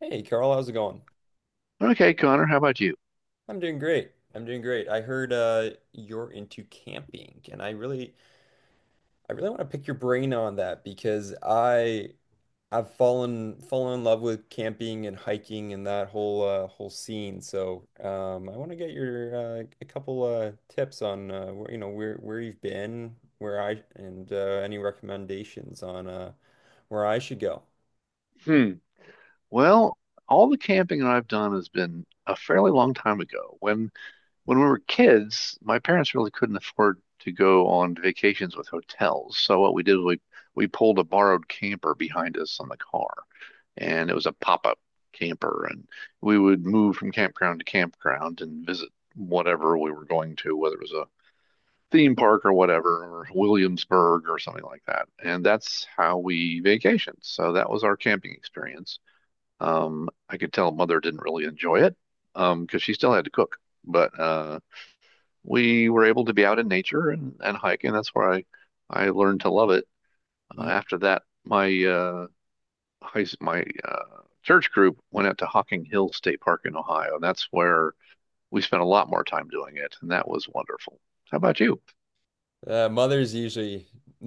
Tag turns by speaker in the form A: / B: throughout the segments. A: Hey Carl, how's it going?
B: Okay, Connor, how about you?
A: I'm doing great. I'm doing great. I heard you're into camping and I really want to pick your brain on that because I've fallen in love with camping and hiking and that whole scene. So, I want to get your a couple tips on where, where you've been, where I and any recommendations on where I should go.
B: Hmm. Well, all the camping that I've done has been a fairly long time ago. When we were kids, my parents really couldn't afford to go on vacations with hotels. So what we did was we pulled a borrowed camper behind us on the car, and it was a pop-up camper, and we would move from campground to campground and visit whatever we were going to, whether it was a theme park or whatever, or Williamsburg or something like that. And that's how we vacationed. So that was our camping experience. I could tell mother didn't really enjoy it because she still had to cook, but we were able to be out in nature and hike, and that's where I learned to love it. After that, my church group went out to Hocking Hill State Park in Ohio, and that's where we spent a lot more time doing it, and that was wonderful. How about you?
A: Mothers usually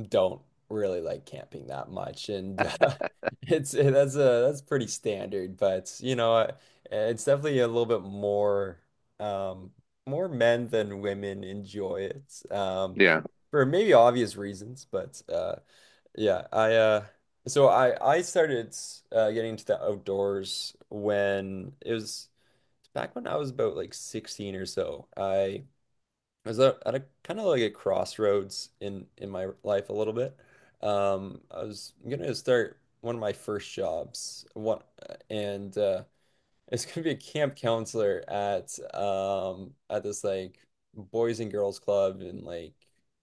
A: don't really like camping that much, and that's pretty standard. But it's definitely a little bit more um, more men than women enjoy it
B: Yeah.
A: for maybe obvious reasons. But yeah, I so I started getting into the outdoors when it was back when I was about like 16 or so. I was at a kind of like a crossroads in my life a little bit. I was gonna start one of my first jobs, one, and it's gonna be a camp counselor at this like boys and girls club and like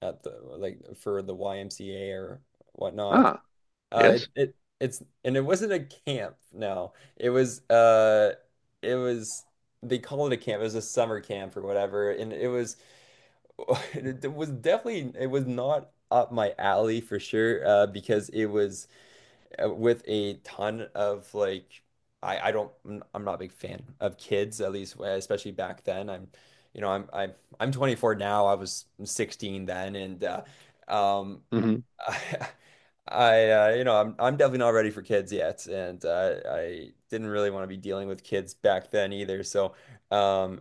A: at the like for the YMCA or whatnot.
B: Ah,
A: It,
B: yes.
A: it it's and it wasn't a camp. No, it was they call it a camp. It was a summer camp or whatever, and it was. It was not up my alley for sure, because it was with a ton of like, I'm not a big fan of kids, at least, especially back then. I'm, you know, I'm 24 now. I was 16 then. And, um,
B: Hmm.
A: I, I, you know, I'm definitely not ready for kids yet. And, I didn't really want to be dealing with kids back then either. Um,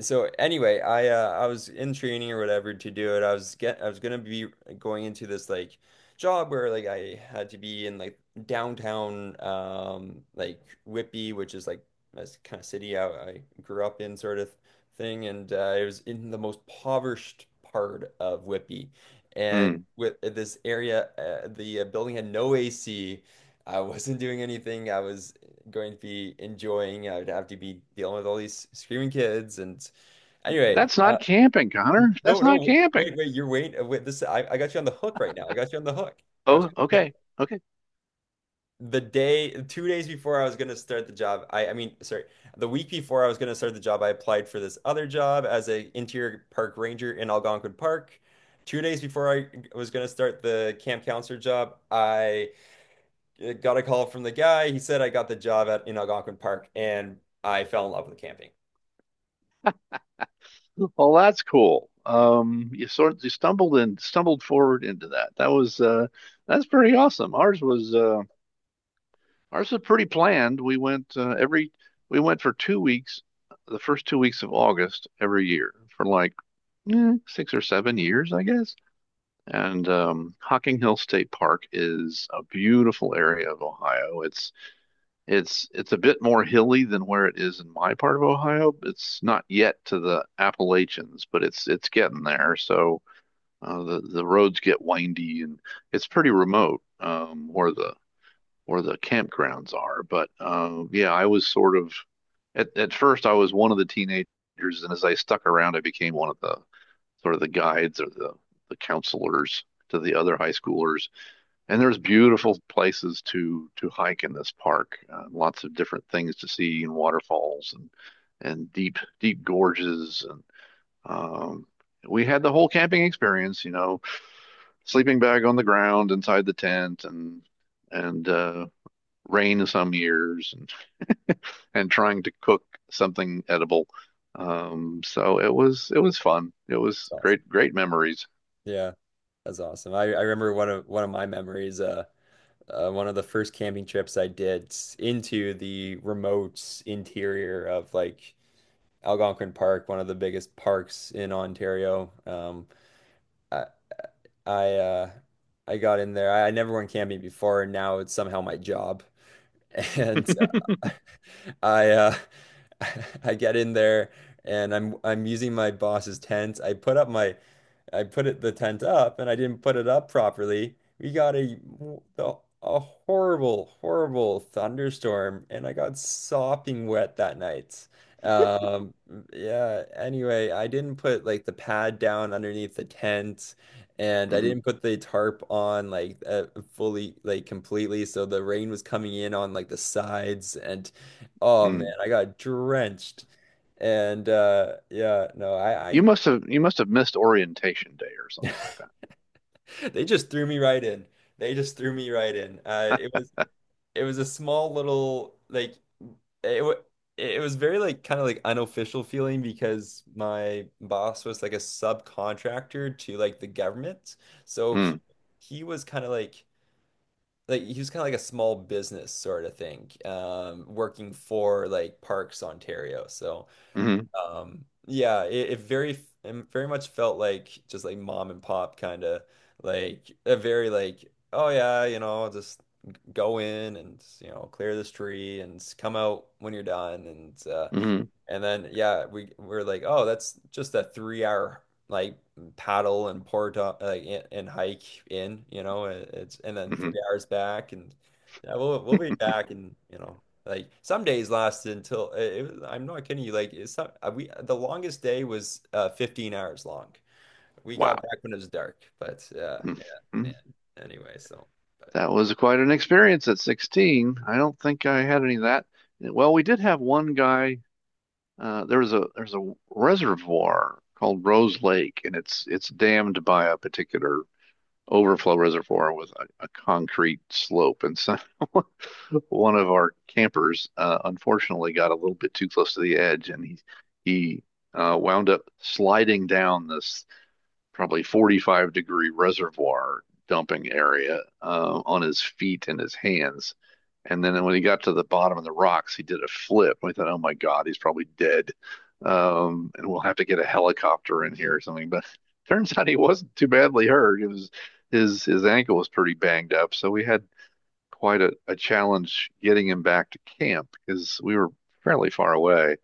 A: so anyway, I was in training or whatever to do it. I was gonna be going into this like job where like I had to be in like downtown like Whitby, which is like this kind of city I grew up in sort of thing, and it was in the most impoverished part of Whitby, and
B: Mm.
A: with this area, the building had no AC. I wasn't doing anything. I was going to be enjoying. I would have to be dealing with all these screaming kids and anyway,
B: That's not camping, Connor.
A: no,
B: That's not
A: no,
B: camping.
A: wait, wait, wait. This I got you on the hook right now. I got you on the hook. Got
B: Oh,
A: you on the hook.
B: okay. Okay.
A: 2 days before I was gonna start the job, I mean, sorry, the week before I was gonna start the job, I applied for this other job as a interior park ranger in Algonquin Park. 2 days before I was gonna start the camp counselor job, I got a call from the guy. He said I got the job at in Algonquin Park, and I fell in love with camping.
B: Well, that's cool.
A: It's
B: You stumbled and stumbled forward into that. That was That's pretty awesome. Ours was pretty planned. We went for 2 weeks, the first 2 weeks of August every year for like 6 or 7 years, I guess. And Hocking Hill State Park is a beautiful area of Ohio. It's a bit more hilly than where it is in my part of Ohio. It's not yet to the Appalachians, but it's getting there. So the roads get windy and it's pretty remote where the campgrounds are. But yeah, I was sort of at first I was one of the teenagers, and as I stuck around, I became one of the sort of the guides or the counselors to the other high schoolers, and there's beautiful places to hike in this park. Lots of different things to see, and waterfalls, and deep gorges, and um, we had the whole camping experience. You know, sleeping bag on the ground inside the tent, and rain some years, and trying to cook something edible. It was fun. It was
A: awesome.
B: great memories.
A: Yeah, that's awesome. I remember one of my memories. One of the first camping trips I did into the remote interior of like Algonquin Park, one of the biggest parks in Ontario. I I uh, I got in there. I never went camping before, and now it's somehow my job. And uh, I I get in there, and I'm using my boss's tent. I put it the tent up and I didn't put it up properly. We got a horrible, horrible thunderstorm and I got sopping wet that night. Um, yeah, anyway, I didn't put like the pad down underneath the tent and I
B: Hmm.
A: didn't put the tarp on like fully like completely so the rain was coming in on like the sides and oh man,
B: Mm.
A: I got drenched. And yeah, no, I
B: You must have missed orientation day or something like that.
A: They just threw me right in. They just threw me right in. It was a small little like it wa- it was very like kind of like unofficial feeling because my boss was like a subcontractor to like the government. So he
B: Mm.
A: he was kind of like he was kind of like a small business sort of thing, working for like Parks Ontario. So.
B: Hmm.
A: Yeah, it very much felt like just like mom and pop kind of like a very like oh yeah, just go in and clear this tree and come out when you're done
B: Hmm.
A: and then yeah, we're like, oh, that's just that 3 hour like paddle and port like and hike in, it's and then three
B: Hmm.
A: hours back, and yeah, we'll be back, and like some days lasted until it was, I'm not kidding you, like it's not we the longest day was 15 hours long. We
B: Wow.
A: got back when it was dark, but
B: Hmm.
A: yeah, man. Anyway, so but
B: That was quite an experience at 16. I don't think I had any of that. Well, we did have one guy. There's a reservoir called Rose Lake, and it's dammed by a particular overflow reservoir with a concrete slope. And so one of our campers, unfortunately, got a little bit too close to the edge, and he wound up sliding down this probably 45-degree reservoir dumping area on his feet and his hands. And then when he got to the bottom of the rocks, he did a flip. We thought, oh my God, he's probably dead. And we'll have to get a helicopter in here or something. But turns out he wasn't too badly hurt. It was his ankle was pretty banged up, so we had quite a challenge getting him back to camp because we were fairly far away.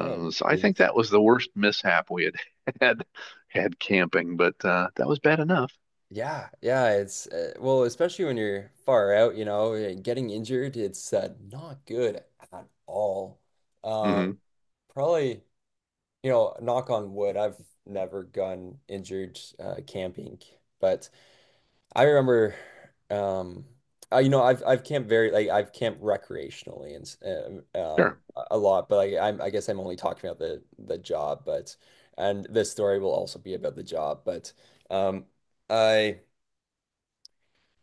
A: oh,
B: So I think
A: jeez.
B: that was the worst mishap we had had had camping, but that was bad enough.
A: Yeah, yeah, it's well, especially when you're far out, you know, getting injured, it's not good at all. Uh,
B: Hmm.
A: Probably, you know, knock on wood, I've never gotten injured camping, but I remember, um, I've camped very like I've camped recreationally and
B: Sure.
A: a lot, but like I guess I'm only talking about the job, but and this story will also be about the job, but um I.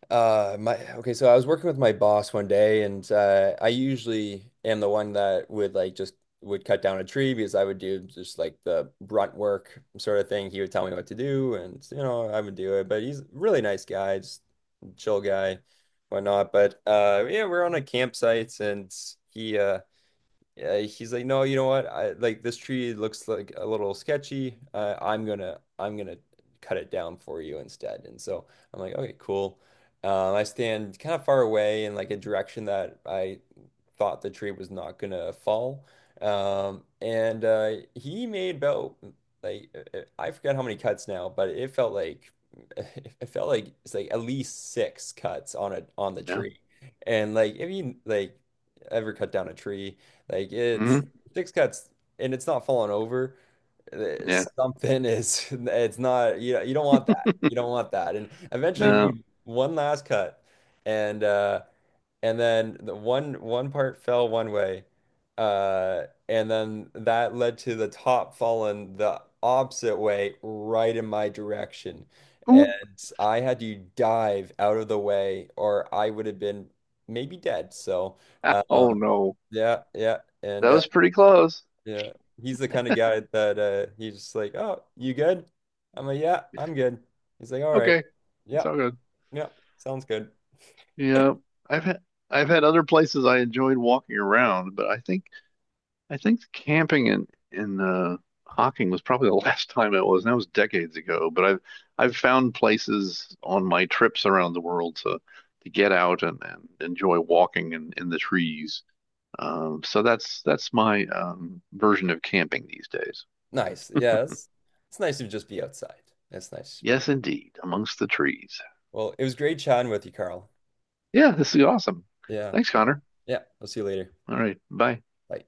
A: My okay, so I was working with my boss one day, and I usually am the one that would like just would cut down a tree because I would do just like the brunt work sort of thing. He would tell me what to do, and you know I would do it. But he's a really nice guy, just chill guy, whatnot. But yeah, we're on a campsite, and he uh, he's like, no, you know what? I Like this tree looks like a little sketchy. I'm gonna cut it down for you instead. And so I'm like, okay, cool. I stand kind of far away in like a direction that I thought the tree was not gonna fall. And he made about like I forget how many cuts now, but it felt like it felt like it's like at least six cuts on the
B: No.
A: tree. And like if you like ever cut down a tree, like
B: Hmm.
A: it's six cuts and it's not falling over. uh,
B: Yeah.
A: Something is it's not. You don't want that. You don't want that. And eventually he
B: No.
A: made one last cut and uh and then the one part fell one way, and then that led to the top falling the opposite way, right in my direction.
B: Ooh.
A: And I had to dive out of the way, or I would have been maybe dead.
B: Oh
A: Um,
B: no.
A: yeah, yeah, and
B: That was pretty close.
A: yeah, he's the kind of guy that he's just like, "Oh, you good?" I'm like, "Yeah, I'm good." He's like, "All right,
B: Okay. It's
A: yeah,
B: all good.
A: yeah, sounds good."
B: Yeah. I've had I've had other places I enjoyed walking around, but I think camping in Hocking was probably the last time it was, and that was decades ago. But I've found places on my trips around the world to get out and enjoy walking in the trees. So that's my version of camping these days.
A: Nice. Yes, it's nice to just be outside. It's nice to be
B: Yes,
A: outside.
B: indeed, amongst the trees.
A: Well, it was great chatting with you, Carl.
B: Yeah, this is awesome.
A: Yeah.
B: Thanks, Connor.
A: Yeah. I'll see you later.
B: All right, bye.
A: Bye.